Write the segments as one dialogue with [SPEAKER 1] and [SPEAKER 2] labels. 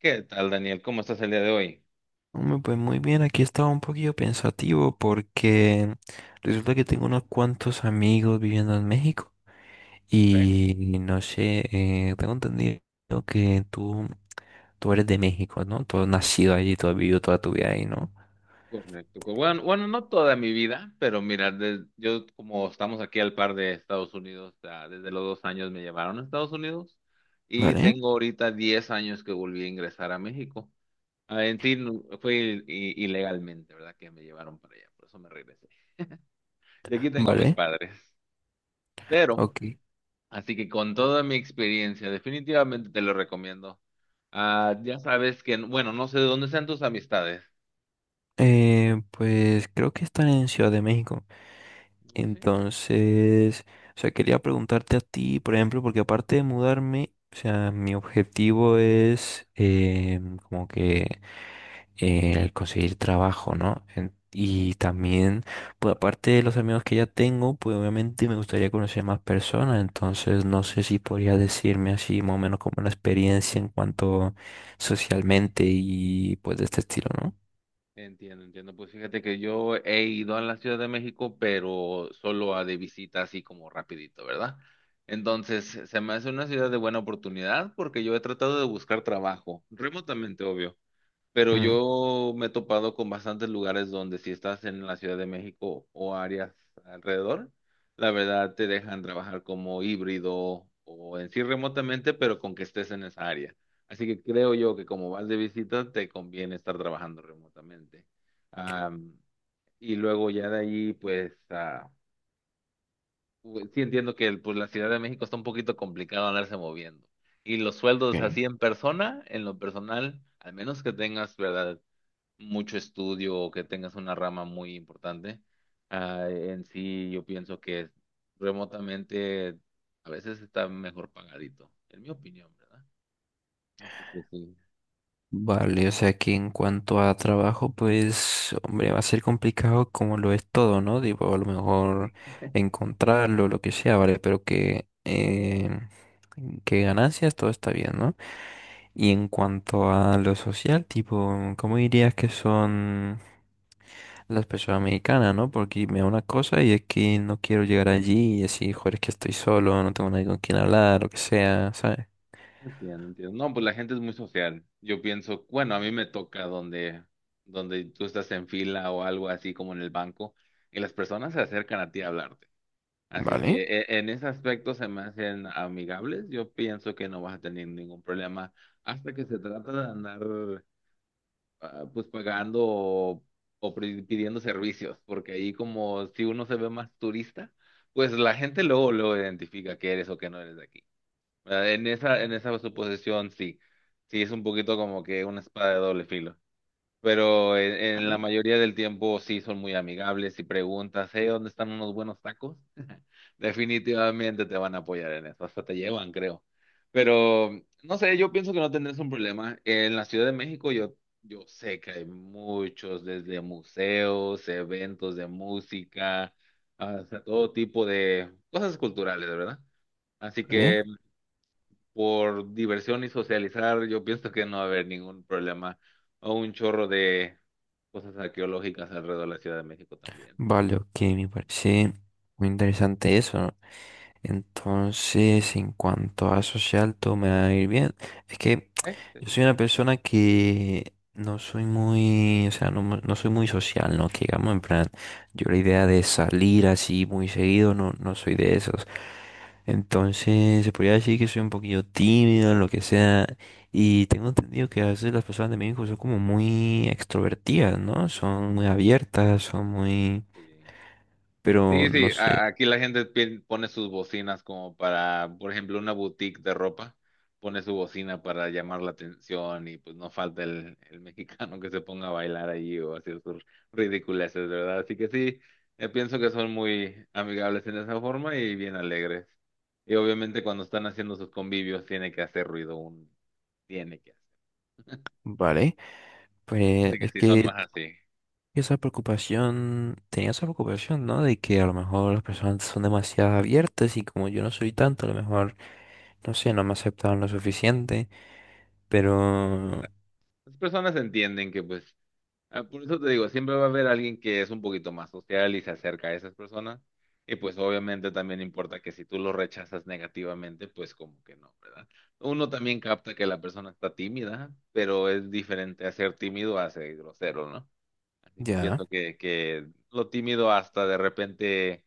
[SPEAKER 1] ¿Qué tal, Daniel? ¿Cómo estás el día de hoy?
[SPEAKER 2] Hombre, pues muy bien, aquí estaba un poquillo pensativo porque resulta que tengo unos cuantos amigos viviendo en México
[SPEAKER 1] Ok,
[SPEAKER 2] y no sé, tengo entendido que tú eres de México, ¿no? Tú has nacido allí, tú has vivido toda tu vida ahí, ¿no?
[SPEAKER 1] correcto. Bueno, no toda mi vida, pero mira, yo como estamos aquí al par de Estados Unidos, desde los 2 años me llevaron a Estados Unidos y
[SPEAKER 2] Vale,
[SPEAKER 1] tengo ahorita 10 años que volví a ingresar a México. En sí, fue ilegalmente, ¿verdad? Que me llevaron para allá, por eso me regresé. Y aquí tengo a mis
[SPEAKER 2] vale,
[SPEAKER 1] padres. Pero,
[SPEAKER 2] ok.
[SPEAKER 1] así que con toda mi experiencia, definitivamente te lo recomiendo. Ya sabes que, bueno, no sé de dónde sean tus amistades.
[SPEAKER 2] Pues creo que están en Ciudad de México.
[SPEAKER 1] No sé.
[SPEAKER 2] Entonces, o sea, quería preguntarte a ti, por ejemplo, porque aparte de mudarme, o sea, mi objetivo es como que el conseguir trabajo, ¿no? Y también, pues aparte de los amigos que ya tengo, pues obviamente me gustaría conocer más personas, entonces no sé si podría decirme así más o menos como la experiencia en cuanto socialmente y pues de este estilo, ¿no?
[SPEAKER 1] Entiendo, entiendo. Pues fíjate que yo he ido a la Ciudad de México, pero solo a de visita así como rapidito, ¿verdad? Entonces, se me hace una ciudad de buena oportunidad porque yo he tratado de buscar trabajo, remotamente, obvio. Pero yo me he topado con bastantes lugares donde si estás en la Ciudad de México o áreas alrededor, la verdad te dejan trabajar como híbrido o en sí remotamente, pero con que estés en esa área. Así que creo yo que como vas de visita, te conviene estar trabajando remotamente. Am, y luego ya de ahí, pues, sí entiendo que pues, la Ciudad de México está un poquito complicado andarse moviendo. Y los sueldos
[SPEAKER 2] Mm.
[SPEAKER 1] así en persona, en lo personal, al menos que tengas, ¿verdad? Mucho estudio o que tengas una rama muy importante. En sí, yo pienso que remotamente a veces está mejor pagadito, en mi opinión, ¿verdad? Así que sí,
[SPEAKER 2] Vale, o sea que en cuanto a trabajo, pues, hombre, va a ser complicado como lo es todo, ¿no? Digo, a lo mejor encontrarlo, lo que sea, ¿vale? Pero que ganancias, todo está bien, ¿no? Y en cuanto a lo social, tipo, ¿cómo dirías que son las personas mexicanas, ¿no? Porque me da una cosa y es que no quiero llegar allí y decir, joder, es que estoy solo, no tengo nadie con quien hablar, lo que sea, ¿sabes?
[SPEAKER 1] entiendo, entiendo. No, pues la gente es muy social. Yo pienso, bueno, a mí me toca donde tú estás en fila o algo así como en el banco y las personas se acercan a ti a hablarte. Así
[SPEAKER 2] Vale,
[SPEAKER 1] que en ese aspecto se me hacen amigables. Yo pienso que no vas a tener ningún problema hasta que se trata de andar pues pagando o pidiendo servicios, porque ahí como si uno se ve más turista, pues la gente luego lo identifica que eres o que no eres de aquí. ¿Verdad? En esa suposición sí, sí es un poquito como que una espada de doble filo pero en la mayoría del tiempo sí son muy amigables y preguntas, ¿eh? ¿Dónde están unos buenos tacos? Definitivamente te van a apoyar en eso, hasta te llevan, creo. Pero no sé, yo pienso que no tendrás un problema. En la Ciudad de México yo sé que hay muchos, desde museos, eventos de música, hasta todo tipo de cosas culturales, ¿verdad? Así
[SPEAKER 2] vale.
[SPEAKER 1] que por diversión y socializar, yo pienso que no va a haber ningún problema o un chorro de cosas arqueológicas alrededor de la Ciudad de México también.
[SPEAKER 2] Vale, ok, me parece muy interesante eso, ¿no? Entonces, en cuanto a social, todo me va a ir bien. Es que
[SPEAKER 1] ¿Eh? Sí.
[SPEAKER 2] yo soy una persona que no soy muy, o sea, no, no soy muy social, ¿no? Que digamos, en plan, yo la idea de salir así muy seguido, no, no soy de esos. Entonces, se podría decir que soy un poquillo tímido, lo que sea. Y tengo entendido que a veces las personas de México son como muy extrovertidas, ¿no? Son muy abiertas, son muy,
[SPEAKER 1] Sí.
[SPEAKER 2] pero
[SPEAKER 1] Sí,
[SPEAKER 2] no
[SPEAKER 1] sí,
[SPEAKER 2] sé,
[SPEAKER 1] aquí la gente pone sus bocinas como para, por ejemplo, una boutique de ropa, pone su bocina para llamar la atención y pues no falta el mexicano que se ponga a bailar allí o hacer sus ridiculeces, ¿verdad? Así que sí, pienso que son muy amigables en esa forma y bien alegres. Y obviamente cuando están haciendo sus convivios tiene que hacer ruido, un tiene que hacer.
[SPEAKER 2] ¿vale? Pues
[SPEAKER 1] Así que
[SPEAKER 2] es
[SPEAKER 1] sí, son
[SPEAKER 2] que
[SPEAKER 1] más así.
[SPEAKER 2] esa preocupación, tenía esa preocupación, ¿no? De que a lo mejor las personas son demasiado abiertas y como yo no soy tanto, a lo mejor, no sé, no me aceptaron lo suficiente, pero
[SPEAKER 1] Las personas entienden que pues por eso te digo, siempre va a haber alguien que es un poquito más social y se acerca a esas personas. Y pues obviamente también importa que si tú lo rechazas negativamente, pues como que no, ¿verdad? Uno también capta que la persona está tímida, pero es diferente a ser tímido a ser grosero, ¿no? Así que
[SPEAKER 2] ya,
[SPEAKER 1] pienso que lo tímido hasta de repente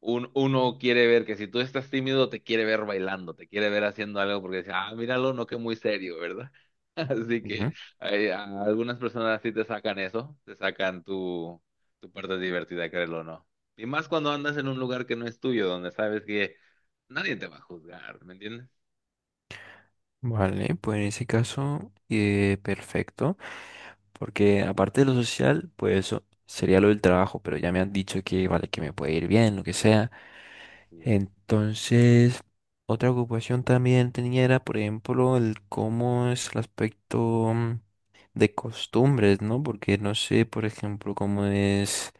[SPEAKER 1] uno quiere ver que si tú estás tímido, te quiere ver bailando, te quiere ver haciendo algo porque dice, ah, míralo, no que muy serio, ¿verdad? Así que
[SPEAKER 2] ujú.
[SPEAKER 1] ay, a algunas personas sí te sacan eso, te sacan tu parte divertida, créelo o no. Y más cuando andas en un lugar que no es tuyo, donde sabes que nadie te va a juzgar, ¿me entiendes?
[SPEAKER 2] Vale, pues en ese caso, perfecto, porque aparte de lo social, pues eso sería lo del trabajo, pero ya me han dicho que, vale, que me puede ir bien, lo que sea.
[SPEAKER 1] Así es.
[SPEAKER 2] Entonces, otra ocupación también tenía era, por ejemplo, el cómo es el aspecto de costumbres, ¿no? Porque no sé, por ejemplo, cómo es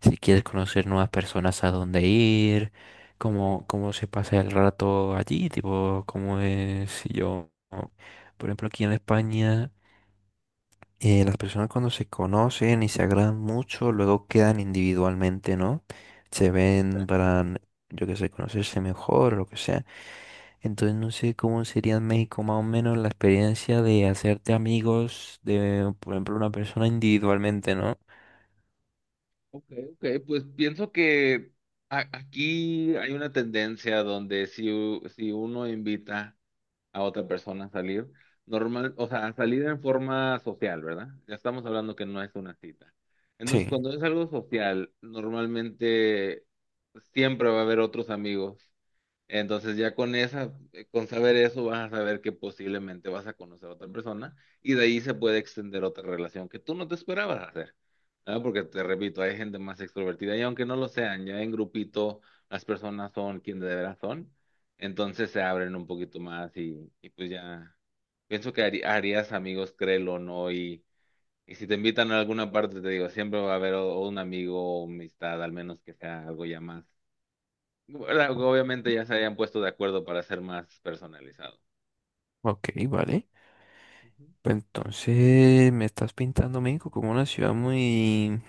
[SPEAKER 2] si quieres conocer nuevas personas a dónde ir, cómo, cómo se pasa el rato allí, tipo, cómo es si yo, por ejemplo, aquí en España las personas cuando se conocen y se agradan mucho, luego quedan individualmente, ¿no? Se ven para, yo qué sé, conocerse mejor o lo que sea. Entonces no sé cómo sería en México más o menos la experiencia de hacerte amigos de, por ejemplo, una persona individualmente, ¿no?
[SPEAKER 1] Ok, ok, pues pienso que aquí hay una tendencia donde si, si uno invita a otra persona a salir. Normal, o sea, a salir en forma social, ¿verdad? Ya estamos hablando que no es una cita. Entonces,
[SPEAKER 2] Sí.
[SPEAKER 1] cuando es algo social, normalmente siempre va a haber otros amigos entonces ya con esa, con saber eso, vas a saber que posiblemente vas a conocer a otra persona y de ahí se puede extender otra relación que tú no te esperabas hacer. ¿Verdad? Porque te repito, hay gente más extrovertida y aunque no lo sean, ya en grupito las personas son quien de veras son, entonces se abren un poquito más y pues ya pienso que harías amigos, créelo o no, y si te invitan a alguna parte, te digo, siempre va a haber o un amigo o amistad, al menos que sea algo ya más bueno, obviamente ya se habían puesto de acuerdo para ser más personalizado.
[SPEAKER 2] Ok, vale.
[SPEAKER 1] Ujú.
[SPEAKER 2] Pues entonces me estás pintando México como una ciudad muy,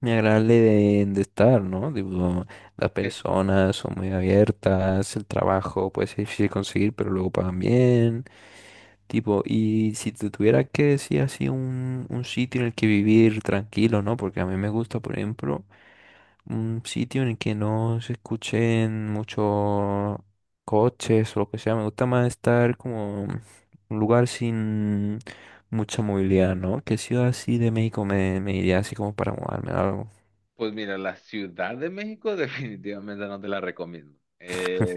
[SPEAKER 2] muy agradable de estar, ¿no? Digo, las
[SPEAKER 1] Eh,
[SPEAKER 2] personas son muy abiertas, el trabajo puede ser difícil conseguir, pero luego pagan bien. Tipo, y si te tuviera que decir así un sitio en el que vivir tranquilo, ¿no? Porque a mí me gusta, por ejemplo, un sitio en el que no se escuchen muchos coches o lo que sea. Me gusta más estar como en un lugar sin mucha movilidad, ¿no? ¿Qué ciudad así de México me, me iría así como para mudarme o algo?
[SPEAKER 1] Pues mira, la Ciudad de México definitivamente no te la recomiendo.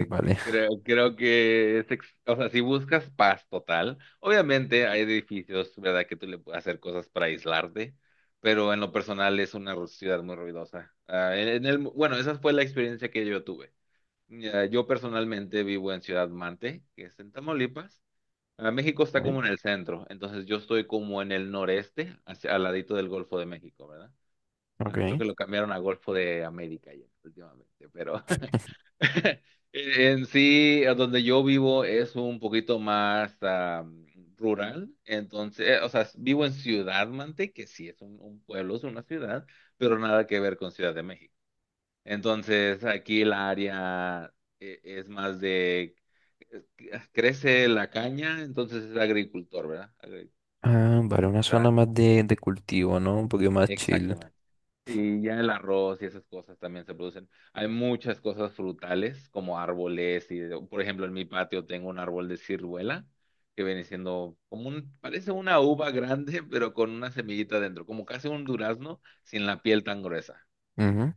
[SPEAKER 2] Vale.
[SPEAKER 1] Creo que es, o sea, si buscas paz total, obviamente hay edificios, ¿verdad? Que tú le puedes hacer cosas para aislarte, pero en lo personal es una ciudad muy ruidosa. Ah, en el, bueno, esa fue la experiencia que yo tuve. Ya, yo personalmente vivo en Ciudad Mante, que es en Tamaulipas. México está
[SPEAKER 2] Vale,
[SPEAKER 1] como en el centro, entonces yo estoy como en el noreste, al ladito del Golfo de México, ¿verdad?
[SPEAKER 2] ok.
[SPEAKER 1] Creo que lo cambiaron a Golfo de América ya últimamente, pero en sí, a donde yo vivo es un poquito más rural, entonces, o sea, vivo en Ciudad Mante, que sí es un pueblo, es una ciudad, pero nada que ver con Ciudad de México. Entonces, aquí la área es más de, crece la caña, entonces es agricultor, ¿verdad? Agricultura,
[SPEAKER 2] Ah, vale, una zona más de cultivo, ¿no? Un poquito más chill.
[SPEAKER 1] exactamente. Y ya el arroz y esas cosas también se producen. Hay muchas cosas frutales, como árboles, y por ejemplo, en mi patio tengo un árbol de ciruela, que viene siendo como un, parece una uva grande, pero con una semillita dentro, como casi un durazno sin la piel tan gruesa.
[SPEAKER 2] Ujú.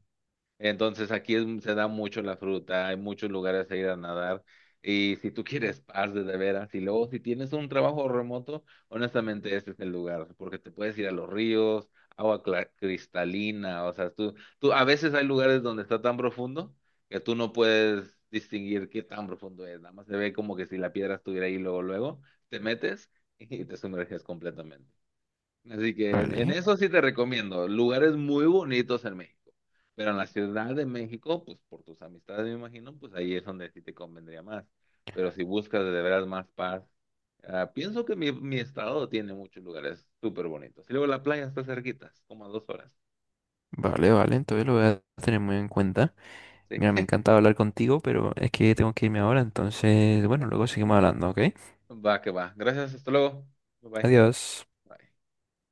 [SPEAKER 1] Entonces aquí se da mucho la fruta, hay muchos lugares a ir a nadar y si tú quieres paz de veras y luego si tienes un trabajo remoto, honestamente este es el lugar porque te puedes ir a los ríos, agua cristalina, o sea, tú a veces hay lugares donde está tan profundo que tú no puedes distinguir qué tan profundo es, nada más se ve como que si la piedra estuviera ahí luego luego te metes y te sumerges completamente. Así que en
[SPEAKER 2] Vale,
[SPEAKER 1] eso sí te recomiendo. Lugares muy bonitos en México. Pero en la Ciudad de México, pues por tus amistades me imagino, pues ahí es donde sí te convendría más. Pero si buscas de veras más paz, pienso que mi estado tiene muchos lugares súper bonitos. Y luego la playa está cerquita, es como a 2 horas.
[SPEAKER 2] vale, vale, entonces lo voy a tener muy en cuenta.
[SPEAKER 1] Sí.
[SPEAKER 2] Mira, me encanta hablar contigo, pero es que tengo que irme ahora, entonces,
[SPEAKER 1] Ok.
[SPEAKER 2] bueno, luego seguimos hablando, ¿ok?
[SPEAKER 1] Va que va. Gracias, hasta luego. Bye bye.
[SPEAKER 2] Adiós.
[SPEAKER 1] Bye.